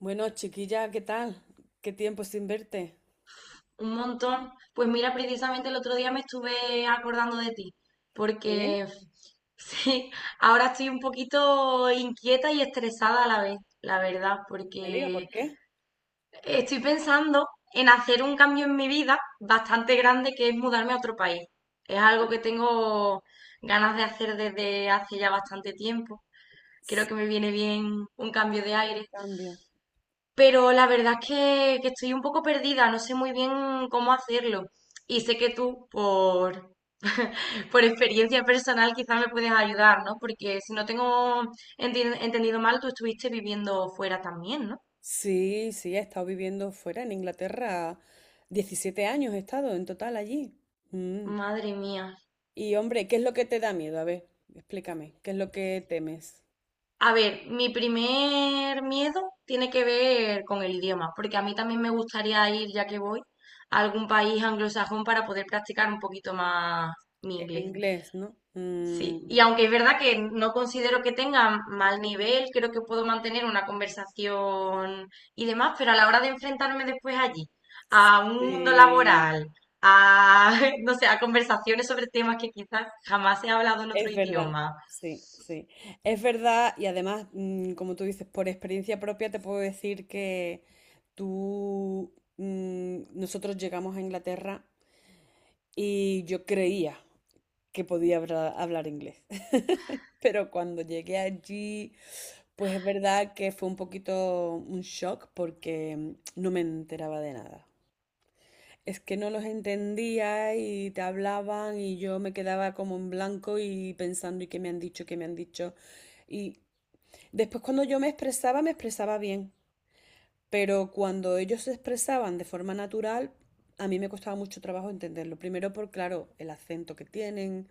Bueno, chiquilla, ¿qué tal? ¿Qué tiempo sin verte? Un montón. Pues mira, precisamente el otro día me estuve acordando de ti, Sí, porque sí, ahora estoy un poquito inquieta y estresada a la vez, la verdad, me diga porque por qué. estoy pensando en hacer un cambio en mi vida bastante grande que es mudarme a otro país. Es algo que tengo ganas de hacer desde hace ya bastante tiempo. Creo S- que me viene bien un cambio de aire. Cambio. Pero la verdad es que estoy un poco perdida, no sé muy bien cómo hacerlo. Y sé que tú, por, por experiencia personal, quizás me puedes ayudar, ¿no? Porque si no tengo entendido mal, tú estuviste viviendo fuera también, ¿no? Sí, sí, he estado viviendo fuera en Inglaterra. 17 años he estado en total allí. Mm. Madre mía. Y hombre, ¿qué es lo que te da miedo? A ver, explícame, ¿qué es lo que temes? A ver, mi primer miedo tiene que ver con el idioma, porque a mí también me gustaría ir, ya que voy, a algún país anglosajón para poder practicar un poquito más mi El inglés. inglés, ¿no? Sí, y aunque es verdad que no considero que tenga mal nivel, creo que puedo mantener una conversación y demás, pero a la hora de enfrentarme después allí a un mundo Sí, laboral, a, no sé, a conversaciones sobre temas que quizás jamás he hablado en otro es verdad, idioma. sí, sí. Es verdad y además, como tú dices, por experiencia propia te puedo decir que nosotros llegamos a Inglaterra y yo creía que hablar inglés. Pero cuando llegué allí, pues es verdad que fue un poquito un shock porque no me enteraba de nada. Es que no los entendía y te hablaban y yo me quedaba como en blanco y pensando, ¿y qué me han dicho? ¿Qué me han dicho? Y después cuando yo me expresaba bien, pero cuando ellos se expresaban de forma natural, a mí me costaba mucho trabajo entenderlo. Primero por, claro, el acento que tienen.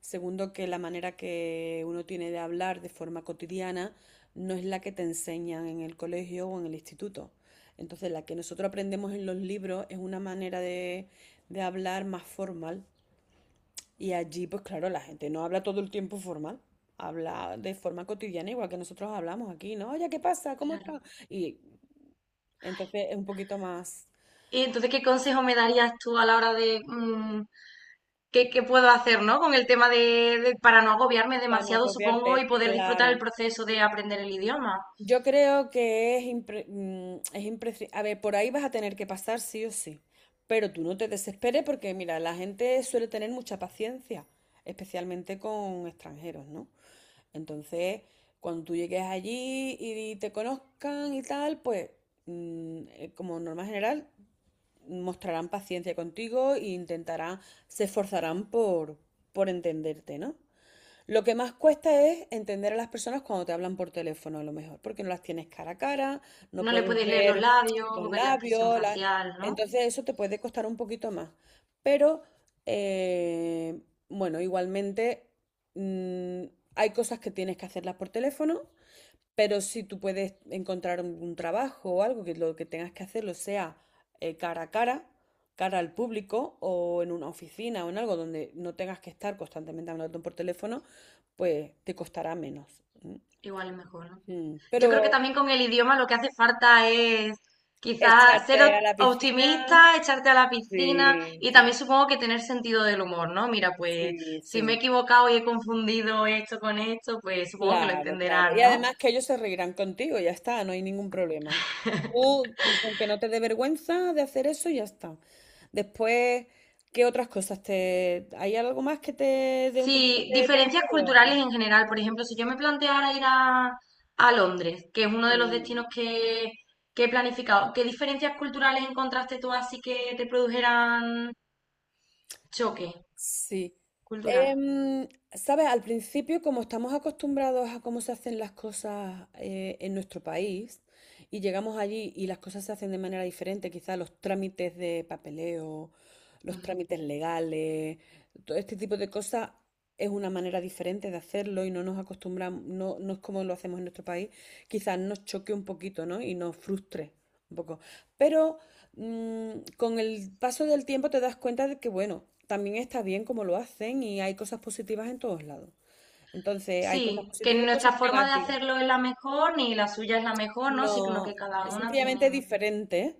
Segundo, que la manera que uno tiene de hablar de forma cotidiana no es la que te enseñan en el colegio o en el instituto. Entonces, la que nosotros aprendemos en los libros es una manera de hablar más formal. Y allí, pues claro, la gente no habla todo el tiempo formal, habla de forma cotidiana, igual que nosotros hablamos aquí, ¿no? Oye, ¿qué pasa? ¿Cómo Claro. está? Y entonces es un poquito más. Y entonces, ¿qué consejo me darías tú a la hora de qué puedo hacer, ¿no? Con el tema de- para no agobiarme Para no demasiado, supongo, y copiarte, poder disfrutar el claro. proceso de aprender el idioma. Yo creo que es imprescindible. A ver, por ahí vas a tener que pasar sí o sí. Pero tú no te desesperes porque, mira, la gente suele tener mucha paciencia, especialmente con extranjeros, ¿no? Entonces, cuando tú llegues allí y te conozcan y tal, pues, como norma general, mostrarán paciencia contigo e intentarán, se esforzarán por entenderte, ¿no? Lo que más cuesta es entender a las personas cuando te hablan por teléfono, a lo mejor, porque no las tienes cara a cara, no No le puedes puedes leer los ver labios los o ver la expresión labios, facial, ¿no? entonces eso te puede costar un poquito más. Pero, eh, bueno, igualmente mm, hay cosas que tienes que hacerlas por teléfono, pero si tú puedes encontrar un trabajo o algo que lo que tengas que hacerlo sea cara a cara, cara al público o en una oficina o en algo donde no tengas que estar constantemente hablando por teléfono, pues te costará menos. ¿M? Igual es mejor, ¿no? Yo creo que Pero también con el idioma lo que hace falta es quizás ser echarte a la piscina, optimista, echarte a la piscina sí, y sí, también supongo que tener sentido del humor, ¿no? Mira, pues sí, si me he sí. equivocado y he confundido esto con esto, pues supongo que lo Claro, claro. Y entenderán, ¿no? además que ellos se reirán contigo, ya está, no hay ningún problema. Tú, con que no te dé vergüenza de hacer eso, ya está. Después, ¿qué otras cosas te... ¿Hay algo más que te dé un poquito Sí, de diferencias temor? ¿o? culturales en general. Por ejemplo, si yo me planteara ir a Londres, que es uno de los Mm. destinos que he planificado, ¿qué diferencias culturales encontraste tú así que te produjeran choque Sí. cultural? Em, sabes, al principio, como estamos acostumbrados a cómo se hacen las cosas en nuestro país y llegamos allí y las cosas se hacen de manera diferente, quizás los trámites de papeleo, los Ujú. trámites legales, todo este tipo de cosas es una manera diferente de hacerlo y no nos acostumbramos, no, no es como lo hacemos en nuestro país, quizás nos choque un poquito, ¿no? Y nos frustre un poco. Pero con el paso del tiempo te das cuenta de que, bueno, también está bien como lo hacen y hay cosas positivas en todos lados. Entonces, hay cosas Sí, que positivas y cosas nuestra forma de negativas. hacerlo es la mejor, ni la suya es la mejor, ¿no? Sino que No, cada es una sencillamente tiene diferente.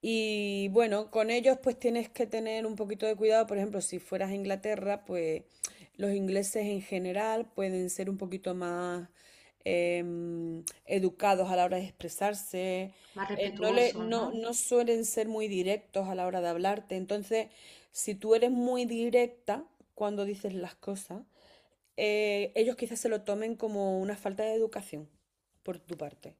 Y bueno, con ellos pues tienes que tener un poquito de cuidado. Por ejemplo, si fueras a Inglaterra, pues los ingleses en general pueden ser un poquito más educados a la hora de expresarse. más No, respetuosos, no, ¿no? no suelen ser muy directos a la hora de hablarte. Entonces, si tú eres muy directa cuando dices las cosas, ellos quizás se lo tomen como una falta de educación por tu parte,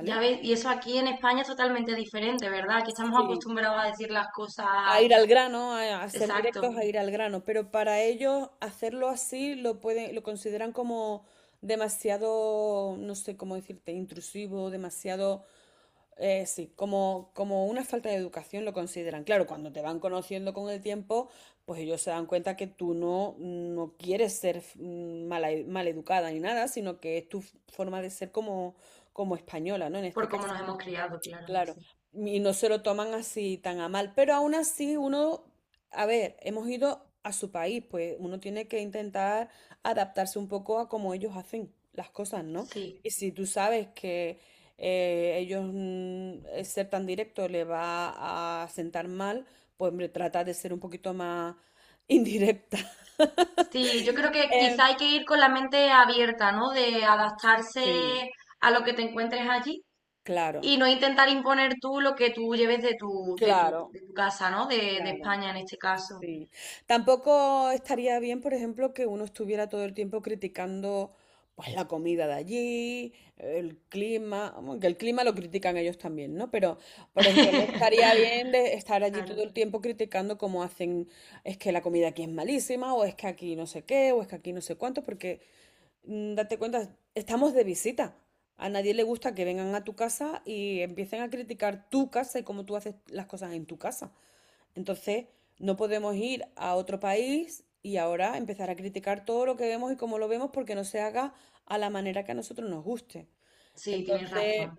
Ya ves, y eso aquí en España es totalmente diferente, ¿verdad? Aquí estamos Sí, acostumbrados a decir las cosas a ir al grano, a hacer directos, exacto. a ir al grano, pero para ellos hacerlo así lo pueden, lo consideran como demasiado, no sé cómo decirte, intrusivo, demasiado, sí, como una falta de educación lo consideran. Claro, cuando te van conociendo con el tiempo, pues ellos se dan cuenta que tú no quieres ser maleducada ni nada, sino que es tu forma de ser como española, ¿no? En este Por cómo caso. nos hemos criado, claro, es Claro, así. y no se lo toman así tan a mal, pero aún así uno, a ver, hemos ido a su país, pues uno tiene que intentar adaptarse un poco a cómo ellos hacen las cosas, ¿no? Sí, Y si tú sabes que el ser tan directo le va a sentar mal, pues hombre, trata de ser un poquito más indirecta. sí, yo creo que Em, quizá hay que ir con la mente abierta, ¿no? De sí, adaptarse a lo que te encuentres allí claro, y no intentar imponer tú lo que tú lleves de tu, claro, de tu casa, ¿no? De claro. España en este caso. Sí. Tampoco estaría bien, por ejemplo, que uno estuviera todo el tiempo criticando pues la comida de allí, el clima, aunque el clima lo critican ellos también, ¿no? Pero, por ejemplo, no estaría bien de estar allí todo Claro, el tiempo criticando cómo hacen, es que la comida aquí es malísima, o es que aquí no sé qué, o es que aquí no sé cuánto, porque date cuenta, estamos de visita. A nadie le gusta que vengan a tu casa y empiecen a criticar tu casa y cómo tú haces las cosas en tu casa. Entonces, no podemos ir a otro país y ahora empezar a criticar todo lo que vemos y cómo lo vemos porque no se haga a la manera que a nosotros nos guste. sí, tienes Entonces, razón.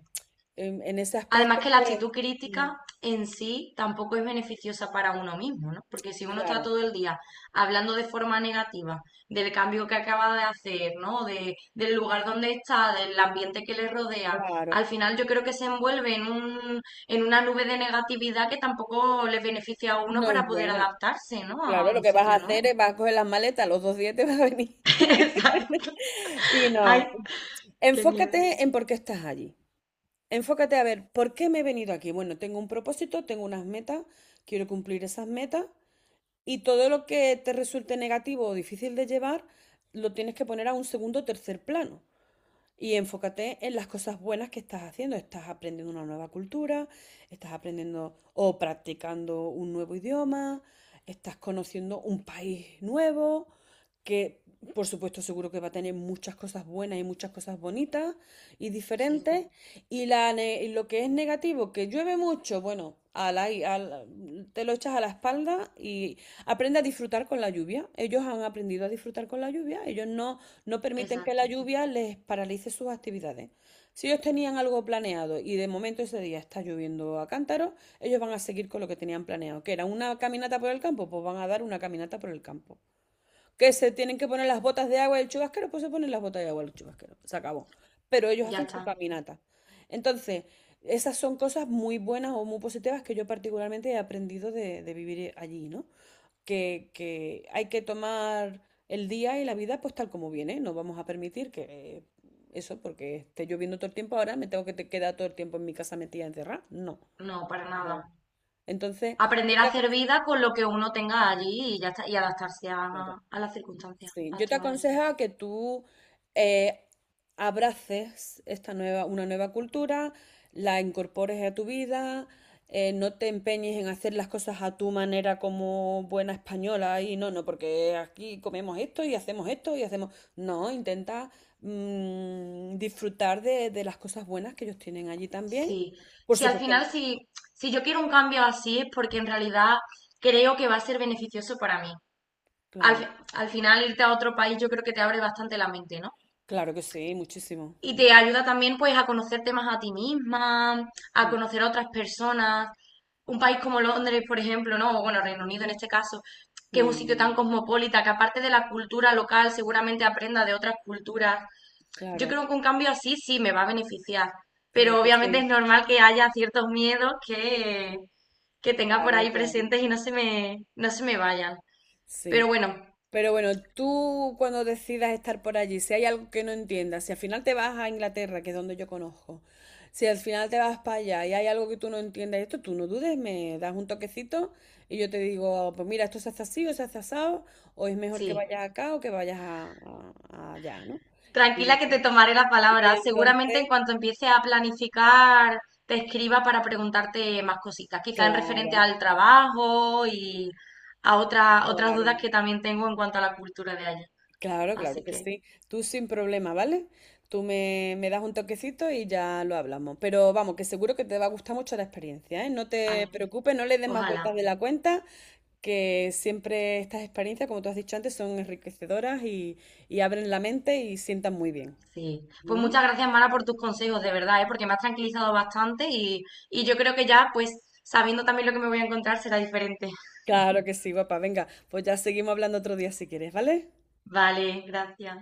en ese aspecto, Además que la pues, actitud mm, crítica en sí tampoco es beneficiosa para uno mismo, ¿no? Porque si uno está claro, todo el día hablando de forma negativa del cambio que acaba de hacer, ¿no? De, del lugar donde está, del ambiente que le rodea, claro, al final yo creo que se envuelve en un, en una nube de negatividad que tampoco le beneficia a uno no para es poder buena. adaptarse, ¿no? Claro, A lo un que vas a sitio hacer nuevo. es vas a coger las maletas, los dos días te vas a venir. Exacto. Y Ay, no. qué miedo. Enfócate en por qué estás allí. Enfócate a ver, ¿por qué me he venido aquí? Bueno, tengo un propósito, tengo unas metas, quiero cumplir esas metas. Y todo lo que te resulte negativo o difícil de llevar, lo tienes que poner a un segundo o tercer plano. Y enfócate en las cosas buenas que estás haciendo. Estás aprendiendo una nueva cultura, estás aprendiendo o practicando un nuevo idioma, estás conociendo un país nuevo, que por supuesto seguro que va a tener muchas cosas buenas y muchas cosas bonitas y Sí, diferentes. Y, y lo que es negativo, que llueve mucho, bueno, ala y ala, te lo echas a la espalda y aprende a disfrutar con la lluvia. Ellos han aprendido a disfrutar con la lluvia. Ellos no, no permiten que exacto. la lluvia les paralice sus actividades. Si ellos tenían algo planeado y de momento ese día está lloviendo a cántaros, ellos van a seguir con lo que tenían planeado, que era una caminata por el campo, pues van a dar una caminata por el campo. Que se tienen que poner las botas de agua del chubasquero, pues se ponen las botas de agua del chubasquero. Se acabó. Pero ellos Ya hacen su está. caminata. Entonces, esas son cosas muy buenas o muy positivas que yo particularmente he aprendido de vivir allí, ¿no? Que hay que tomar el día y la vida pues tal como viene. No vamos a permitir que eh, porque esté lloviendo todo el tiempo ahora, me tengo que quedar todo el tiempo en mi casa metida encerrada. No. No, para No. nada. Entonces, Aprender yo a te hacer aconsejo, vida con lo que uno tenga allí y ya está, y adaptarse claro. A las circunstancias Sí, yo te actuales. aconsejo que tú eh, abraces una nueva cultura, la incorpores a tu vida, no te empeñes en hacer las cosas a tu manera como buena española y no, no, porque aquí comemos esto y hacemos... No, intenta disfrutar de las cosas buenas que ellos tienen allí también. Sí, Por sí, al supuesto, final, si, si yo quiero un cambio así es porque en realidad creo que va a ser beneficioso para mí. Al, claro, al final, irte a otro país yo creo que te abre bastante la mente, ¿no? claro que sí, muchísimo. Y Mm, te ayuda también pues a conocerte más a ti misma, a mm, conocer a otras personas. Un país como Londres, por ejemplo, ¿no? O bueno, Reino Unido en este caso, que es un sitio mm. tan cosmopolita, que aparte de la cultura local seguramente aprenda de otras culturas. Yo Claro, creo que un cambio así sí me va a beneficiar, claro pero que obviamente es sí, normal que haya ciertos miedos que tenga por claro, ahí claro. presentes y no se me, no se me vayan. Pero Sí, bueno, pero bueno, tú cuando decidas estar por allí, si hay algo que no entiendas, si al final te vas a Inglaterra, que es donde yo conozco, si al final te vas para allá y hay algo que tú no entiendas, esto tú no dudes, me das un toquecito y yo te digo, pues mira, esto se hace así o se hace asado, o es mejor que sí. vayas acá o que vayas a allá, ¿no? Y ya Tranquila que está. te tomaré la Y palabra. entonces, Seguramente en cuanto empiece a planificar, te escriba para preguntarte más cositas, quizá en referente claro, al trabajo y a otras dudas claro. que también tengo en cuanto a la cultura de allá. Claro, claro Así que que, sí. Tú sin problema, ¿vale? Tú me das un toquecito y ya lo hablamos. Pero vamos, que seguro que te va a gustar mucho la experiencia, ¿eh? No ay, te preocupes, no le des más vueltas ojalá, de la cuenta, que siempre estas experiencias, como tú has dicho antes, son enriquecedoras y abren la mente y sientan muy bien. sí. Pues ¿Mm? muchas gracias, Mara, por tus consejos, de verdad, ¿eh? Porque me has tranquilizado bastante y yo creo que ya, pues, sabiendo también lo que me voy a encontrar, será diferente. Claro que sí, papá. Venga, pues ya seguimos hablando otro día si quieres, ¿vale? Vale, gracias.